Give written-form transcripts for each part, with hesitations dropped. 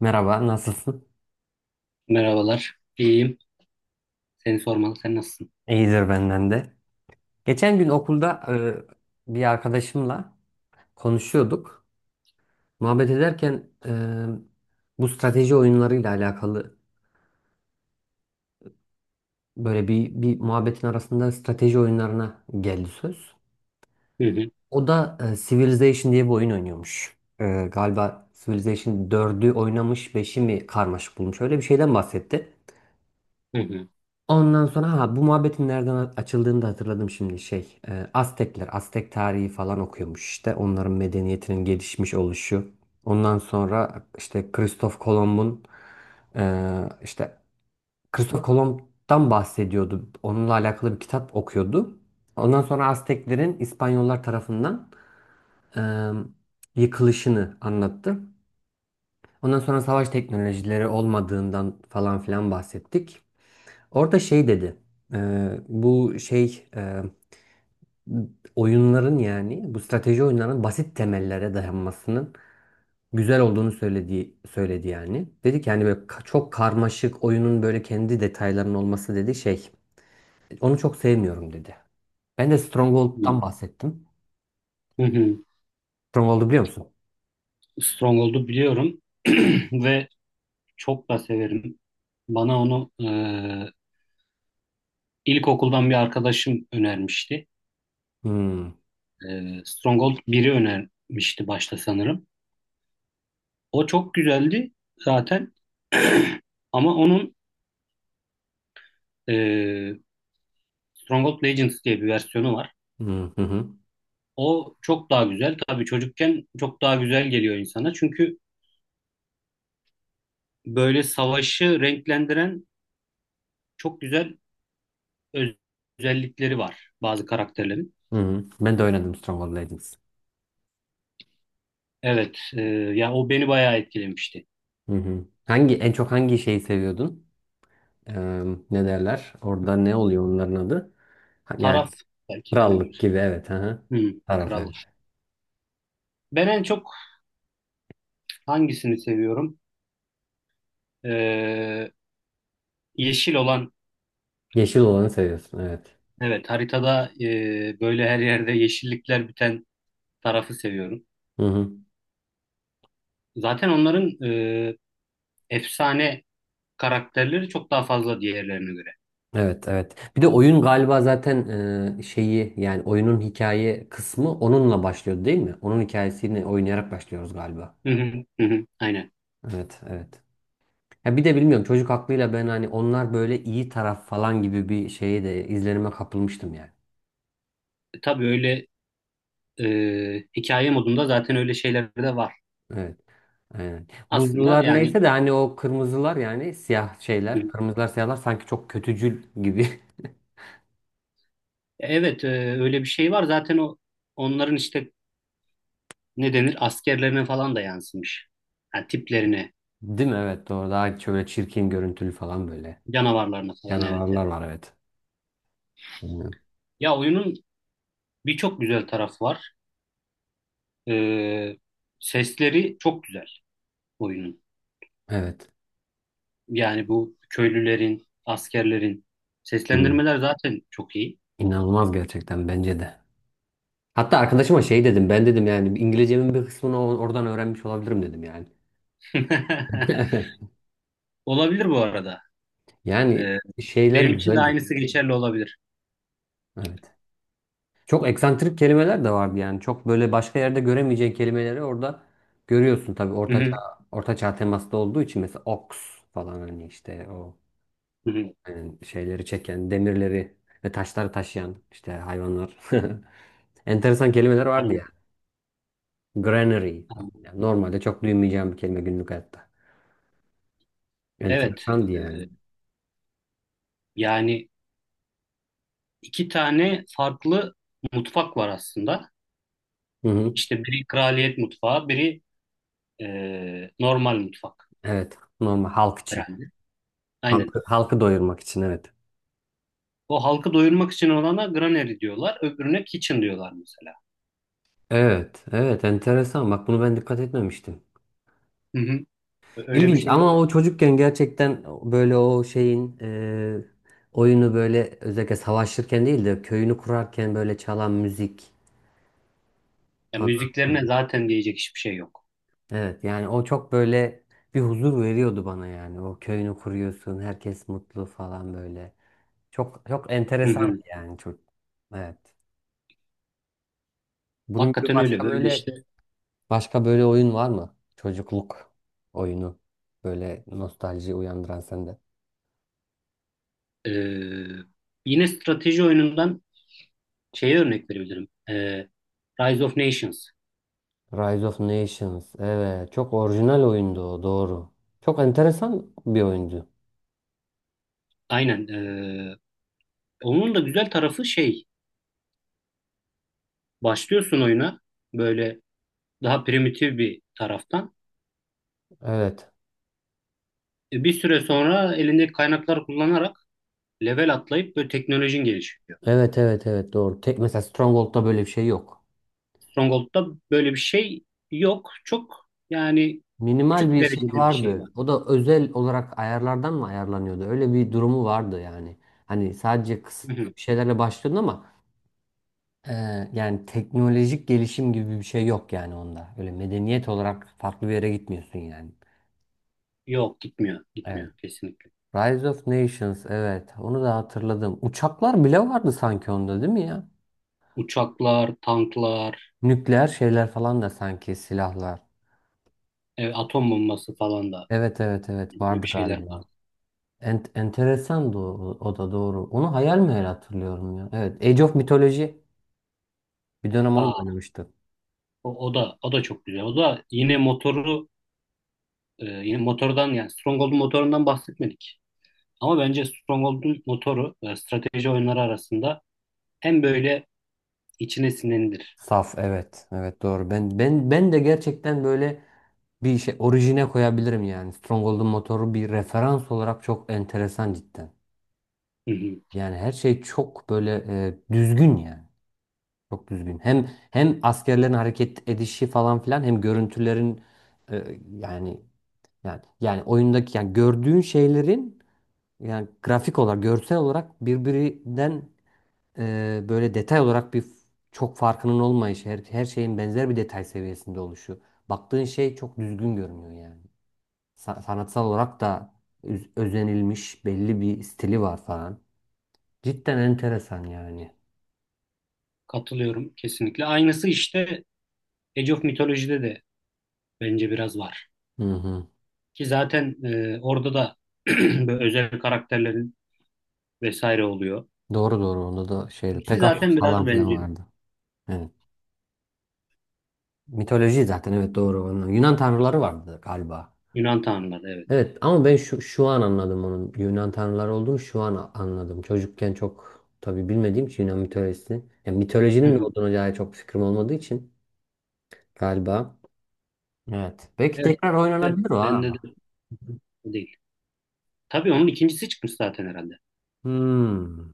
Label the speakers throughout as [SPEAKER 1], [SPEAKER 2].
[SPEAKER 1] Merhaba, nasılsın?
[SPEAKER 2] Merhabalar. İyiyim. Seni sormalı. Sen nasılsın?
[SPEAKER 1] İyidir benden de. Geçen gün okulda bir arkadaşımla konuşuyorduk. Muhabbet ederken bu strateji oyunlarıyla alakalı böyle bir muhabbetin arasında strateji oyunlarına geldi söz.
[SPEAKER 2] Hı hı.
[SPEAKER 1] O da Civilization diye bir oyun oynuyormuş. Galiba Civilization dördü oynamış, beşi mi karmaşık bulmuş. Öyle bir şeyden bahsetti.
[SPEAKER 2] Hı hı.
[SPEAKER 1] Ondan sonra ha bu muhabbetin nereden açıldığını da hatırladım şimdi şey Aztekler Aztek tarihi falan okuyormuş işte onların medeniyetinin gelişmiş oluşu. Ondan sonra işte Kristof Kolomb'un işte Kristof Kolomb'dan bahsediyordu. Onunla alakalı bir kitap okuyordu. Ondan sonra Azteklerin İspanyollar tarafından e, yıkılışını anlattı. Ondan sonra savaş teknolojileri olmadığından falan filan bahsettik. Orada şey dedi. Bu şey oyunların yani bu strateji oyunlarının basit temellere dayanmasının güzel olduğunu söyledi yani. Dedi ki hani böyle çok karmaşık oyunun böyle kendi detaylarının olması dedi şey. Onu çok sevmiyorum dedi. Ben de
[SPEAKER 2] Hı
[SPEAKER 1] Stronghold'dan bahsettim.
[SPEAKER 2] hı. Hı.
[SPEAKER 1] Stronghold'u biliyor musun?
[SPEAKER 2] Stronghold'u biliyorum ve çok da severim. Bana onu ilkokuldan bir arkadaşım önermişti.
[SPEAKER 1] Hmm.
[SPEAKER 2] Stronghold biri önermişti başta sanırım. O çok güzeldi zaten ama onun e, Stronghold Legends diye bir versiyonu var.
[SPEAKER 1] Hı hı hı.
[SPEAKER 2] O çok daha güzel. Tabii çocukken çok daha güzel geliyor insana. Çünkü böyle savaşı renklendiren çok güzel öz- özellikleri var bazı karakterlerin.
[SPEAKER 1] Hı hı. Ben de oynadım Stronghold Legends.
[SPEAKER 2] Evet, ya o beni bayağı etkilemişti.
[SPEAKER 1] Hı hı. Hangi en çok hangi şeyi seviyordun? Eee, ne derler? Orada ne oluyor onların adı? Ha, yani
[SPEAKER 2] Taraf belki
[SPEAKER 1] krallık
[SPEAKER 2] denebilir.
[SPEAKER 1] gibi, evet. Aha.
[SPEAKER 2] Hmm,
[SPEAKER 1] Taraf, evet.
[SPEAKER 2] kral. Ben en çok hangisini seviyorum? E, yeşil olan,
[SPEAKER 1] Yeşil olanı seviyorsun, evet.
[SPEAKER 2] evet haritada böyle her yerde yeşillikler biten tarafı seviyorum.
[SPEAKER 1] Hı hı.
[SPEAKER 2] Zaten onların efsane karakterleri çok daha fazla diğerlerine göre.
[SPEAKER 1] Evet, evet. Bir de oyun galiba zaten şeyi yani oyunun hikaye kısmı onunla başlıyor değil mi? Onun hikayesini oynayarak başlıyoruz galiba.
[SPEAKER 2] Hı hı, hı hı, aynen.
[SPEAKER 1] Evet, evet. Ya bir de bilmiyorum çocuk aklıyla ben hani onlar böyle iyi taraf falan gibi bir şeye de izlenime kapılmıştım yani.
[SPEAKER 2] Tabii öyle e, hikaye modunda zaten öyle şeyler de var.
[SPEAKER 1] Evet. Aynen.
[SPEAKER 2] Aslında
[SPEAKER 1] Buzlular
[SPEAKER 2] yani
[SPEAKER 1] neyse de hani o kırmızılar yani siyah şeyler, kırmızılar siyahlar sanki çok kötücül gibi.
[SPEAKER 2] evet, öyle bir şey var. Zaten o onların işte ne denir askerlerine falan da yansımış. Yani tiplerine,
[SPEAKER 1] Değil mi? Evet, doğru. Daha şöyle çirkin görüntülü falan böyle.
[SPEAKER 2] canavarlarına falan evet. Evet.
[SPEAKER 1] Canavarlar var, evet. Bilmiyorum.
[SPEAKER 2] Ya oyunun birçok güzel tarafı var. E, sesleri çok güzel oyunun.
[SPEAKER 1] Evet.
[SPEAKER 2] Yani bu köylülerin, askerlerin
[SPEAKER 1] Hı.
[SPEAKER 2] seslendirmeler zaten çok iyi.
[SPEAKER 1] İnanılmaz gerçekten, bence de. Hatta arkadaşıma şey dedim, ben dedim yani İngilizcemin bir kısmını oradan öğrenmiş olabilirim dedim yani.
[SPEAKER 2] Olabilir bu arada.
[SPEAKER 1] Yani
[SPEAKER 2] E,
[SPEAKER 1] şeyler
[SPEAKER 2] benim için de
[SPEAKER 1] güzel.
[SPEAKER 2] aynısı geçerli olabilir.
[SPEAKER 1] Evet. Çok eksantrik kelimeler de vardı yani. Çok böyle başka yerde göremeyeceğin kelimeleri orada görüyorsun, tabii
[SPEAKER 2] Hı hı,
[SPEAKER 1] ortaçağ ortaçağ temaslı olduğu için, mesela oks falan, hani işte o
[SPEAKER 2] hı hı.
[SPEAKER 1] yani şeyleri çeken, demirleri ve taşları taşıyan işte hayvanlar. Enteresan kelimeler vardı
[SPEAKER 2] Aynen.
[SPEAKER 1] ya. Granary falan.
[SPEAKER 2] Aynen.
[SPEAKER 1] Yani normalde çok duymayacağım bir kelime günlük hayatta.
[SPEAKER 2] Evet.
[SPEAKER 1] Enteresandı yani.
[SPEAKER 2] e, yani iki tane farklı mutfak var aslında.
[SPEAKER 1] Hı hı.
[SPEAKER 2] İşte biri kraliyet mutfağı, biri normal mutfak
[SPEAKER 1] Evet. Normal halk için.
[SPEAKER 2] herhalde. Aynen.
[SPEAKER 1] Halkı, halkı doyurmak için, evet.
[SPEAKER 2] O halkı doyurmak için olana granary diyorlar, öbürüne kitchen diyorlar mesela.
[SPEAKER 1] Evet, evet, enteresan. Bak bunu ben dikkat etmemiştim.
[SPEAKER 2] Hı hı. Öyle bir
[SPEAKER 1] İlginç
[SPEAKER 2] şey
[SPEAKER 1] ama
[SPEAKER 2] var.
[SPEAKER 1] o çocukken gerçekten böyle o şeyin oyunu böyle özellikle savaşırken değil de köyünü kurarken böyle çalan müzik.
[SPEAKER 2] Ya müziklerine
[SPEAKER 1] Anladım.
[SPEAKER 2] zaten diyecek hiçbir şey yok.
[SPEAKER 1] Evet yani o çok böyle bir huzur veriyordu bana yani. O köyünü kuruyorsun, herkes mutlu falan böyle. Çok çok
[SPEAKER 2] Hı
[SPEAKER 1] enteresan
[SPEAKER 2] hı.
[SPEAKER 1] yani, çok. Evet. Bunun gibi
[SPEAKER 2] Hakikaten öyle.
[SPEAKER 1] başka
[SPEAKER 2] Böyle
[SPEAKER 1] böyle
[SPEAKER 2] işte
[SPEAKER 1] başka böyle oyun var mı? Çocukluk oyunu böyle nostalji uyandıran sende.
[SPEAKER 2] e, yine strateji oyunundan şeye örnek verebilirim. Rise of Nations.
[SPEAKER 1] Rise of Nations. Evet. Çok orijinal oyundu o. Doğru. Çok enteresan bir oyundu.
[SPEAKER 2] Aynen. Onun da güzel tarafı şey. Başlıyorsun oyuna. Böyle daha primitif bir taraftan.
[SPEAKER 1] Evet.
[SPEAKER 2] Bir süre sonra elindeki kaynakları kullanarak level atlayıp böyle teknolojin gelişiyor.
[SPEAKER 1] Evet, evet, evet, doğru. Tek, mesela Stronghold'da böyle bir şey yok.
[SPEAKER 2] Stronghold'da böyle bir şey yok. Çok yani
[SPEAKER 1] Minimal
[SPEAKER 2] küçük
[SPEAKER 1] bir şey
[SPEAKER 2] derecede bir şey
[SPEAKER 1] vardı.
[SPEAKER 2] var.
[SPEAKER 1] O da özel olarak ayarlardan mı ayarlanıyordu? Öyle bir durumu vardı yani. Hani sadece
[SPEAKER 2] Hı
[SPEAKER 1] kısıtlı
[SPEAKER 2] hı.
[SPEAKER 1] bir şeylerle başlıyordun ama e, yani teknolojik gelişim gibi bir şey yok yani onda. Öyle medeniyet olarak farklı bir yere gitmiyorsun yani.
[SPEAKER 2] Yok gitmiyor.
[SPEAKER 1] Evet.
[SPEAKER 2] Gitmiyor kesinlikle.
[SPEAKER 1] Rise of Nations, evet onu da hatırladım. Uçaklar bile vardı sanki onda, değil mi ya?
[SPEAKER 2] Uçaklar, tanklar,
[SPEAKER 1] Nükleer şeyler falan da sanki, silahlar.
[SPEAKER 2] atom bombası falan da
[SPEAKER 1] Evet, evet, evet
[SPEAKER 2] böyle
[SPEAKER 1] vardı
[SPEAKER 2] bir şeyler var.
[SPEAKER 1] galiba. En enteresan da o, o da doğru. Onu hayal meyal hatırlıyorum ya. Evet, Age of Mythology, bir dönem onu da
[SPEAKER 2] Aa,
[SPEAKER 1] oynamıştım.
[SPEAKER 2] o da o da çok güzel. O da yine motoru yine motordan yani Stronghold'un motorundan bahsetmedik. Ama bence Stronghold'un motoru strateji oyunları arasında hem böyle içine sinendir.
[SPEAKER 1] Saf, evet, evet, doğru. Ben de gerçekten böyle bir şey orijine koyabilirim yani. Stronghold'un motoru bir referans olarak çok enteresan cidden.
[SPEAKER 2] Hı hı.
[SPEAKER 1] Yani her şey çok böyle düzgün yani. Çok düzgün. Hem askerlerin hareket edişi falan filan, hem görüntülerin yani oyundaki yani gördüğün şeylerin yani grafik olarak, görsel olarak birbirinden böyle detay olarak bir çok farkının olmayışı, her şeyin benzer bir detay seviyesinde oluşu. Baktığın şey çok düzgün görünüyor yani. Sanatsal olarak da özenilmiş belli bir stili var falan. Cidden enteresan yani.
[SPEAKER 2] Katılıyorum kesinlikle. Aynısı işte Age of Mythology'de de bence biraz var.
[SPEAKER 1] Hı hı.
[SPEAKER 2] Ki zaten orada da böyle özel karakterlerin vesaire oluyor.
[SPEAKER 1] Doğru, doğru, onda da şeydi.
[SPEAKER 2] İkisi
[SPEAKER 1] Pegasus
[SPEAKER 2] zaten
[SPEAKER 1] falan
[SPEAKER 2] biraz
[SPEAKER 1] filan
[SPEAKER 2] benziyor.
[SPEAKER 1] vardı. Evet. Mitoloji zaten, evet doğru. Ondan. Yunan tanrıları vardı galiba.
[SPEAKER 2] Yunan tanrıları evet.
[SPEAKER 1] Evet ama ben şu an anladım onun Yunan tanrıları olduğunu, şu an anladım. Çocukken çok tabii bilmediğim için Yunan mitolojisini. Yani
[SPEAKER 2] Hı
[SPEAKER 1] mitolojinin ne
[SPEAKER 2] hı.
[SPEAKER 1] olduğuna dair çok fikrim olmadığı için galiba. Evet. Belki
[SPEAKER 2] Evet,
[SPEAKER 1] tekrar
[SPEAKER 2] evet.
[SPEAKER 1] oynanabilir o,
[SPEAKER 2] Bende de
[SPEAKER 1] ha.
[SPEAKER 2] değil. Tabii onun ikincisi çıkmış zaten herhalde.
[SPEAKER 1] Hmm.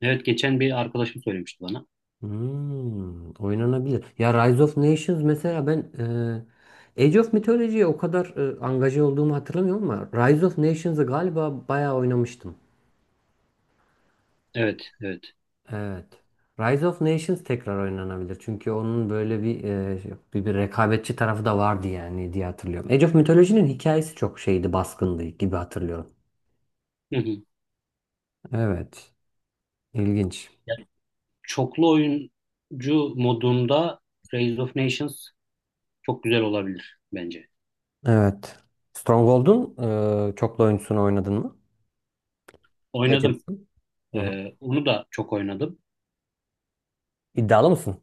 [SPEAKER 2] Evet geçen bir arkadaşım söylemişti bana.
[SPEAKER 1] Hmm, oynanabilir. Ya Rise of Nations mesela ben Age of Mythology'ye o kadar angaje olduğumu hatırlamıyorum ama Rise of Nations'ı galiba bayağı oynamıştım.
[SPEAKER 2] Evet, evet.
[SPEAKER 1] Evet. Rise of Nations tekrar oynanabilir. Çünkü onun böyle bir bir rekabetçi tarafı da vardı yani diye hatırlıyorum. Age of Mythology'nin hikayesi çok şeydi, baskındı gibi hatırlıyorum.
[SPEAKER 2] Hı hı.
[SPEAKER 1] Evet. İlginç.
[SPEAKER 2] Ya, çoklu oyuncu modunda Rise of Nations çok güzel olabilir bence.
[SPEAKER 1] Evet. Stronghold'un çoklu oyuncusunu oynadın mı?
[SPEAKER 2] Oynadım.
[SPEAKER 1] Legends'ın. Hı hı.
[SPEAKER 2] Onu da çok oynadım.
[SPEAKER 1] İddialı mısın?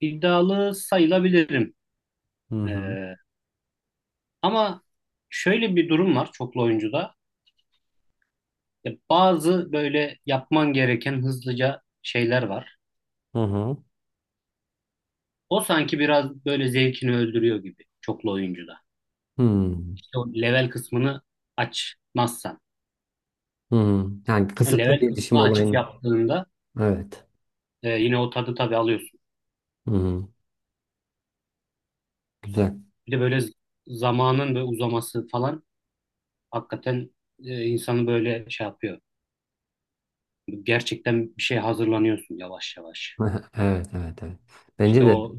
[SPEAKER 2] İddialı sayılabilirim.
[SPEAKER 1] Hı
[SPEAKER 2] Ee,
[SPEAKER 1] hı.
[SPEAKER 2] ama şöyle bir durum var çoklu oyuncuda. Ya bazı böyle yapman gereken hızlıca şeyler var.
[SPEAKER 1] Hı hı.
[SPEAKER 2] O sanki biraz böyle zevkini öldürüyor gibi çoklu oyuncuda.
[SPEAKER 1] Hmm.
[SPEAKER 2] İşte o level kısmını açmazsan.
[SPEAKER 1] Hı. Yani
[SPEAKER 2] O
[SPEAKER 1] kısıtlı
[SPEAKER 2] level
[SPEAKER 1] gelişim
[SPEAKER 2] kısmını açıp
[SPEAKER 1] olayını.
[SPEAKER 2] yaptığında
[SPEAKER 1] Evet.
[SPEAKER 2] yine o tadı tabii alıyorsun.
[SPEAKER 1] Hı hı. Güzel.
[SPEAKER 2] Bir de böyle zamanın böyle uzaması falan hakikaten insanı böyle şey yapıyor. Gerçekten bir şey hazırlanıyorsun yavaş yavaş.
[SPEAKER 1] Evet, evet, evet.
[SPEAKER 2] İşte
[SPEAKER 1] Bence de,
[SPEAKER 2] o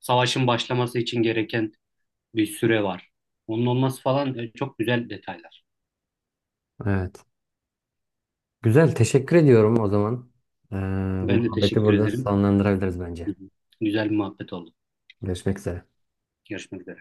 [SPEAKER 2] savaşın başlaması için gereken bir süre var. Onun olması falan çok güzel detaylar.
[SPEAKER 1] evet. Güzel. Teşekkür ediyorum o zaman. Ee, bu
[SPEAKER 2] Ben de
[SPEAKER 1] muhabbeti
[SPEAKER 2] teşekkür
[SPEAKER 1] burada
[SPEAKER 2] ederim.
[SPEAKER 1] sonlandırabiliriz bence.
[SPEAKER 2] Hı hı. Güzel bir muhabbet oldu.
[SPEAKER 1] Görüşmek üzere.
[SPEAKER 2] Görüşmek üzere.